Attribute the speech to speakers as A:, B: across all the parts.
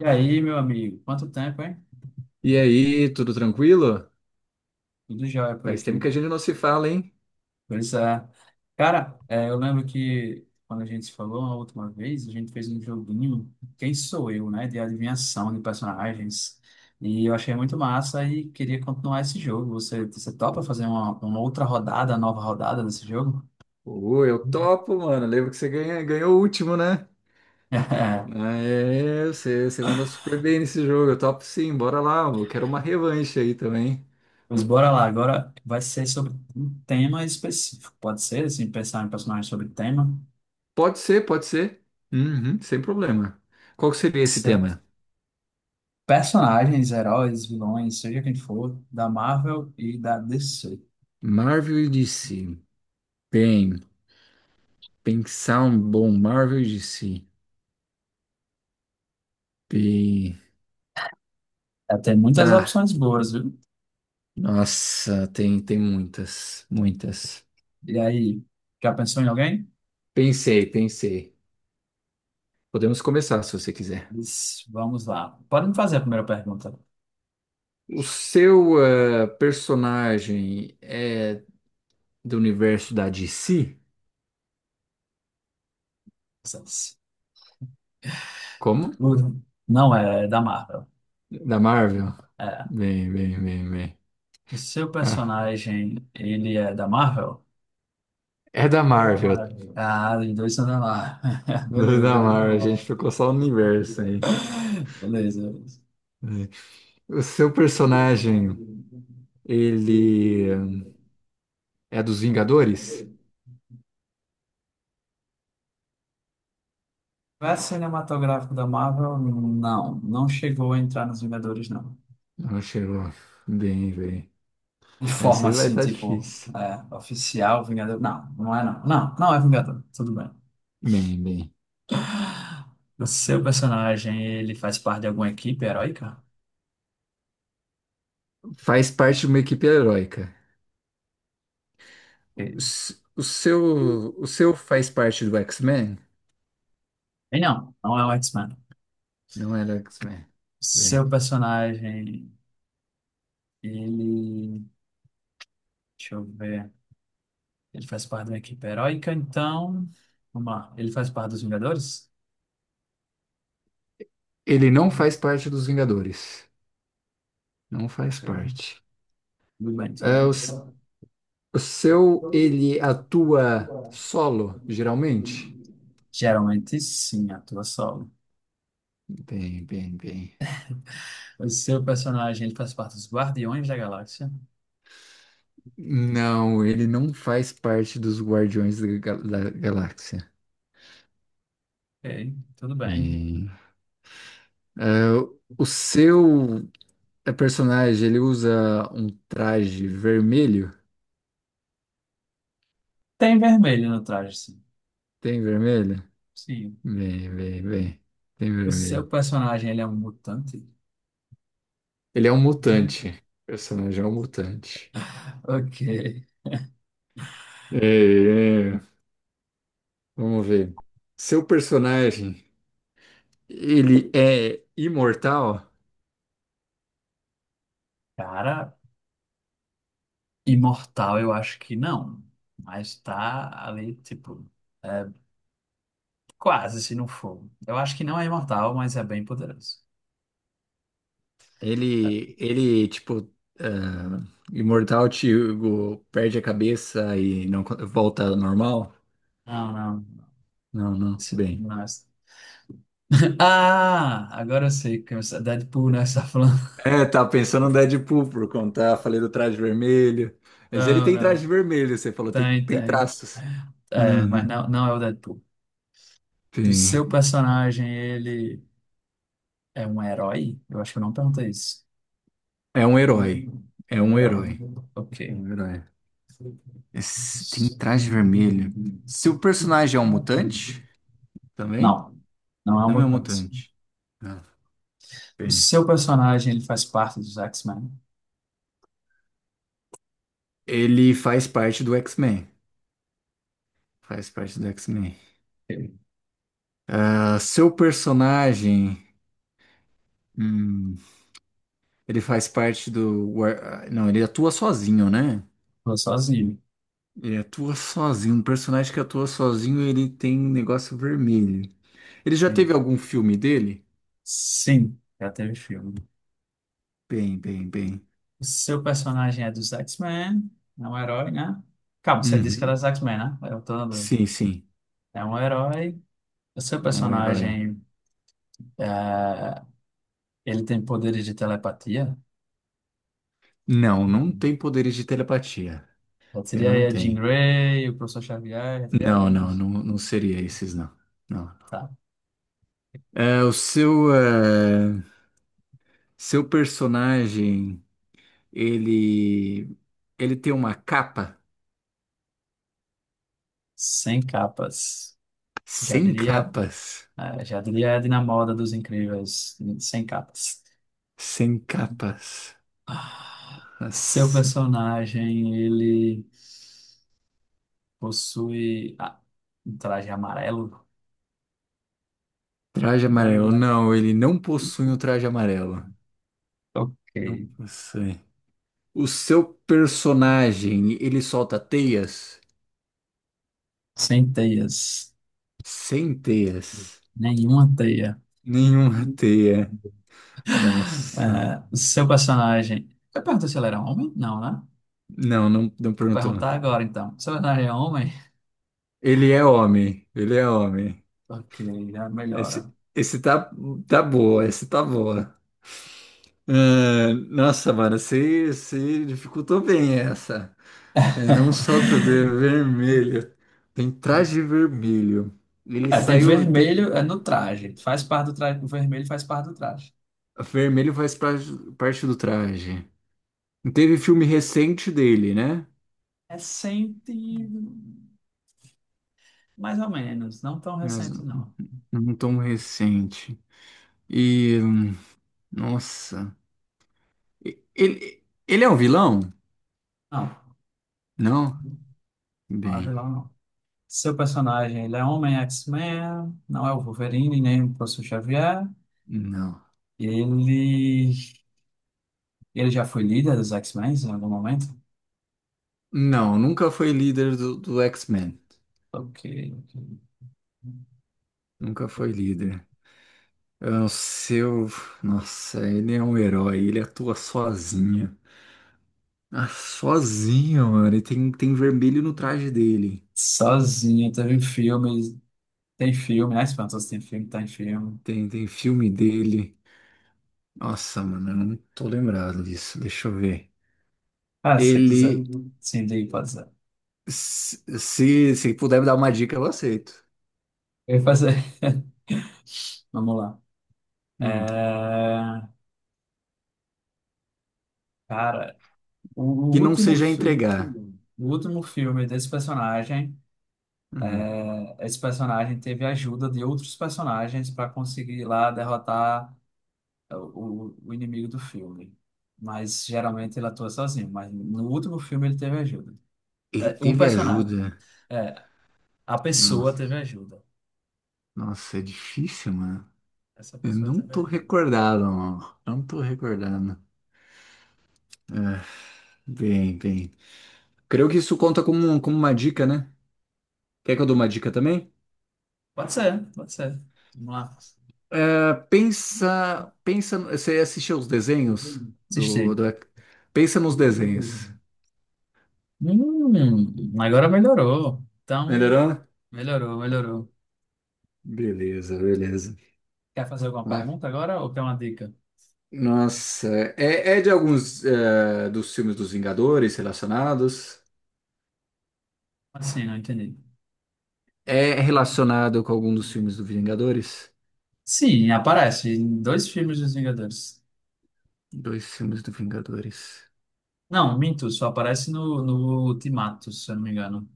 A: E aí, meu amigo? Quanto tempo, hein?
B: E aí, tudo tranquilo?
A: Tudo jóia por
B: Faz tempo que a
A: aqui.
B: gente não se fala, hein?
A: Pois é. Cara, eu lembro que quando a gente se falou a última vez, a gente fez um joguinho Quem Sou Eu, né? De adivinhação de personagens. E eu achei muito massa e queria continuar esse jogo. Você topa fazer uma outra rodada, nova rodada desse jogo?
B: Ô, eu
A: Uhum.
B: topo, mano. Lembro que ganhou o último, né? Ah, é, você manda super bem nesse jogo. Eu topo sim, bora lá. Eu quero uma revanche aí também.
A: Pois bora lá. Agora vai ser sobre um tema específico. Pode ser, assim, pensar em personagens sobre tema.
B: Pode ser. Uhum, sem problema. Qual que seria esse tema?
A: Personagens, heróis, vilões, seja quem for, da Marvel e da DC.
B: Marvel e DC. Bem, pensar um bom Marvel e DC. Bem,
A: É, tem muitas
B: tá.
A: opções boas, viu?
B: Nossa, tem muitas, muitas.
A: E aí, já pensou em alguém?
B: Pensei, pensei. Podemos começar se você quiser.
A: Diz, vamos lá. Pode me fazer a primeira pergunta.
B: O seu personagem é do universo da DC?
A: Vocês.
B: Como?
A: Uhum. Não é da Marvel.
B: Da Marvel?
A: É.
B: Bem, bem, bem, bem.
A: O seu
B: Ah,
A: personagem, ele é da Marvel?
B: é da
A: É da
B: Marvel.
A: Marvel. Ah, os dois são da Marvel.
B: Não é
A: Beleza,
B: da Marvel, a gente ficou
A: beleza.
B: só no universo aí.
A: Beleza,
B: O seu personagem, ele é dos Vingadores?
A: beleza. Universo cinematográfico da Marvel, não. Não chegou a entrar nos Vingadores, não.
B: Não chegou. Bem, bem.
A: De forma
B: Esse vai
A: assim,
B: estar
A: tipo,
B: difícil.
A: oficial, Vingador. Não, não é não. Não, não é Vingador. Tudo bem.
B: Bem, bem.
A: O seu personagem, ele faz parte de alguma equipe heróica?
B: Faz parte de uma equipe heróica.
A: Ok.
B: O seu faz parte do X-Men?
A: E não, não é o X-Men.
B: Não é do X-Men. Bem,
A: Seu personagem, ele. Deixa eu ver. Ele faz parte de uma equipe heróica, então. Vamos lá. Ele faz parte dos Vingadores?
B: ele não faz parte dos Vingadores. Não faz
A: Ok.
B: parte.
A: Tudo bem, tudo
B: É, o seu, ele atua
A: bem.
B: solo, geralmente?
A: Geralmente sim, atua solo.
B: Bem, bem, bem.
A: O seu personagem ele faz parte dos Guardiões da Galáxia.
B: Não, ele não faz parte dos da Galáxia.
A: Ok, tudo bem.
B: Bem, é, o seu personagem, ele usa um traje vermelho?
A: Tem vermelho no traje, sim.
B: Tem vermelho?
A: Sim.
B: Bem, bem, bem. Tem
A: O seu
B: vermelho.
A: personagem ele é um mutante?
B: Ele é um mutante. O personagem é um mutante.
A: Ok.
B: É, é. Vamos ver. Seu personagem, ele é imortal?
A: Cara, imortal eu acho que não. Mas tá ali, tipo, é, quase se não for. Eu acho que não é imortal, mas é bem poderoso. É.
B: Ele tipo, ah, imortal, tipo, perde a cabeça e não co- volta ao normal?
A: Não, não.
B: Não, não. Bem.
A: Não é. Ah, agora eu sei que é Deadpool, né? Você tá falando.
B: É, tá pensando no Deadpool por conta, falei do traje vermelho. Mas ele
A: Não,
B: tem traje
A: não.
B: vermelho, você falou, tem,
A: Tem,
B: tem
A: tem.
B: traços.
A: É, mas
B: Uhum.
A: não, não é o Deadpool. O
B: Tem.
A: seu personagem, ele é um herói? Eu acho que eu não perguntei isso.
B: É um herói. É
A: Um
B: um
A: herói.
B: herói.
A: Ok.
B: É um herói. Esse- tem traje vermelho. Se o personagem é um mutante, também?
A: Não, não é
B: Não
A: uma
B: é um
A: mudança.
B: mutante. Ah,
A: O
B: bem.
A: seu personagem, ele faz parte dos X-Men?
B: Ele faz parte do X-Men. Faz parte do X-Men.
A: Ele
B: Ah, seu personagem, hum, ele faz parte do ah, não, ele atua sozinho, né?
A: ficou sozinho.
B: Ele atua sozinho. Um personagem que atua sozinho, ele tem um negócio vermelho. Ele já teve
A: Sim.
B: algum filme dele?
A: Sim, já teve filme.
B: Bem, bem, bem.
A: O seu personagem é dos X-Men, é um herói, né? Calma, você disse que era
B: Uhum.
A: dos X-Men, né? Eu tô andando.
B: Sim, sim.
A: É um herói. O seu
B: Um herói.
A: personagem, é, ele tem poderes de telepatia?
B: Não, não
A: Hum.
B: tem poderes de telepatia.
A: Já
B: Ele
A: seria
B: não
A: aí a Jean
B: tem.
A: Grey, o professor Xavier, já teria alguns.
B: Não seria esses, não. Não.
A: Tá.
B: É, é, seu personagem, ele, ele tem uma capa?
A: Sem capas. Já
B: Sem
A: diria,
B: capas.
A: já diria a Edna Moda dos Incríveis, sem capas.
B: Sem capas.
A: Seu
B: Nossa.
A: personagem, ele possui um traje amarelo?
B: Traje amarelo. Não, ele não possui um traje amarelo.
A: Ok.
B: Não possui. O seu personagem, ele solta teias?
A: Sem teias.
B: Sem teias.
A: Nenhuma teia.
B: Nenhuma teia. Nossa.
A: É, o seu personagem. Eu perguntei se ele era homem? Não, né?
B: Não, não, não
A: Vou
B: perguntou.
A: perguntar agora então. Seu personagem é homem?
B: Ele é homem. Ele é homem.
A: Ok, já melhora.
B: Esse, esse tá, tá boa, esse tá boa. Ah, nossa, mano, você dificultou bem essa. É, não solta de vermelho. Tem traje vermelho. Ele
A: É, tem
B: saiu.
A: vermelho é no traje. Faz parte do traje. O vermelho faz parte do traje.
B: Vermelho parte do traje. Não teve filme recente dele, né?
A: Recente, mais ou menos. Não tão
B: Mas
A: recente, não.
B: não tão recente. E. Nossa. Ele é um vilão?
A: Não,
B: Não?
A: não é
B: Bem,
A: vilão, não. Seu personagem, ele é homem X-Men, não é o Wolverine, nem o Professor Xavier.
B: não.
A: Ele, ele já foi líder dos X-Men em algum momento?
B: Não, nunca foi líder do X-Men.
A: Ok.
B: Nunca foi líder. É o seu. Nossa, ele é um herói. Ele atua sozinho. Ah, sozinho, mano. E tem vermelho no traje dele.
A: Sozinho, teve filmes tem filme, né? Espantoso tem filme, tá em filme.
B: Tem, tem filme dele. Nossa, mano, eu não tô lembrado disso. Deixa eu ver.
A: Ah, se você quiser,
B: Ele.
A: sim, daí pode ser.
B: Se se puder me dar uma dica, eu aceito.
A: Eu ia fazer. Vamos lá.
B: Hum.
A: É, cara, o
B: Que não
A: último,
B: seja
A: fi-
B: entregar.
A: o último filme desse personagem.
B: Ah.
A: É, esse personagem teve a ajuda de outros personagens para conseguir lá derrotar o inimigo do filme. Mas geralmente ele atua sozinho, mas no último filme ele teve ajuda.
B: Ele
A: É, o
B: teve
A: personagem.
B: ajuda.
A: É, a pessoa teve
B: Nossa,
A: ajuda.
B: nossa, é difícil, mano.
A: Essa
B: Eu
A: pessoa
B: não
A: teve
B: tô
A: ajuda.
B: recordado, mano. Não tô recordando. É, bem, bem. Creio que isso conta como, como uma dica, né? Quer que eu dou uma dica também?
A: Pode ser, pode ser. Vamos lá.
B: É, pensa, pensa. Você assistiu os desenhos
A: Assistir.
B: do. Pensa nos desenhos.
A: Hum, agora melhorou. Então,
B: Melhorou?
A: melhorou, melhorou.
B: Beleza, beleza.
A: Quer fazer alguma
B: Lá.
A: pergunta agora ou quer uma dica?
B: Nossa, é de alguns é, dos filmes dos Vingadores relacionados.
A: Assim, não entendi.
B: É relacionado com algum dos filmes do Vingadores?
A: Sim, aparece em dois filmes dos Vingadores.
B: Dois filmes do Vingadores.
A: Não, minto, só aparece no Ultimato, se eu não me engano.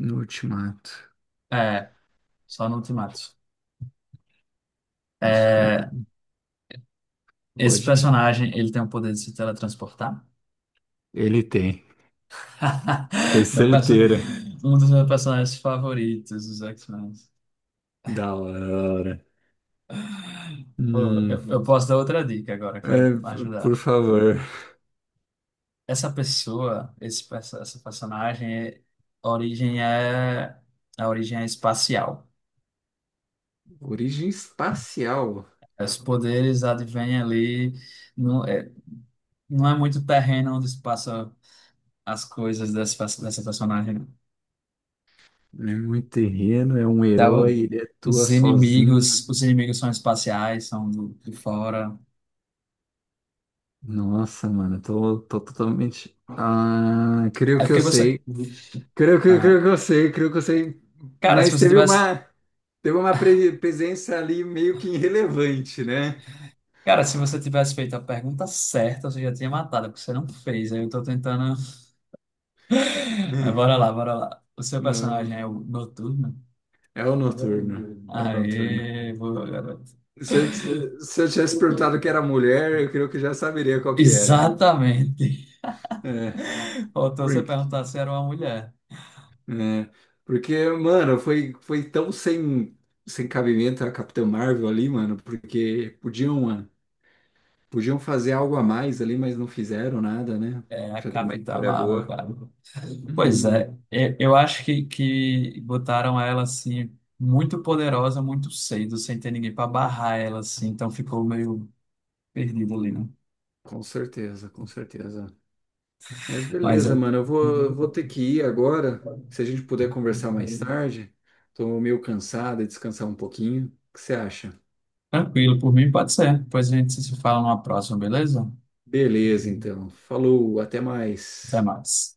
B: No Ultimato.
A: É, só no Ultimato.
B: Isso creio que.
A: É, esse
B: Pode ir?
A: personagem, ele tem o poder de se teletransportar.
B: Ele tem. Foi
A: Meu perso-
B: certeira.
A: Um dos meus personagens favoritos dos X-Men.
B: Da hora.
A: Pô,
B: Hum,
A: eu posso dar outra dica agora que vai
B: é, por
A: ajudar.
B: favor.
A: Essa pessoa, essa personagem, a origem é, a origem é espacial.
B: Origem espacial.
A: Os poderes advêm ali, não é, não é muito terreno onde se passa as coisas dessa personagem. Né?
B: Ele é muito terreno, é um
A: Então,
B: herói, ele atua sozinho.
A: os inimigos são espaciais, são de fora.
B: Nossa, mano, tô totalmente. Ah, creio
A: É
B: que eu
A: porque você,
B: sei.
A: ah,
B: Creio que eu sei.
A: cara, se
B: Mas
A: você
B: teve
A: tivesse,
B: uma. Teve uma presença ali meio que irrelevante, né?
A: cara, se você tivesse feito a pergunta certa, você já tinha matado, porque você não fez. Aí eu tô tentando, mas bora lá, bora lá. O seu
B: Não,
A: personagem é o Noturno?
B: é o Noturno. É o Noturno.
A: Aê, boa, garoto.
B: Se eu tivesse perguntado que era mulher, eu creio que já saberia qual que era.
A: Exatamente.
B: É,
A: Faltou você
B: porque,
A: perguntar se era uma mulher.
B: é, porque, mano, foi tão sem, sem cabimento a Capitã Marvel ali, mano, porque podiam, mano, podiam fazer algo a mais ali, mas não fizeram nada, né?
A: É, a
B: Pra dar uma
A: Capitã
B: história
A: Marvel,
B: boa.
A: cara. Pois
B: Uhum,
A: é, eu acho que botaram ela assim, muito poderosa, muito cedo, sem ter ninguém para barrar ela, assim, então ficou meio perdido ali, né?
B: com certeza, com certeza. Mas
A: Mas é,
B: beleza, mano. Vou ter que ir agora. Se a gente puder conversar mais tarde, tô meio cansado e descansar um pouquinho. O que você acha?
A: tranquilo, por mim pode ser. Depois a gente se fala numa próxima, beleza?
B: Beleza, então. Falou, até
A: Até
B: mais.
A: mais.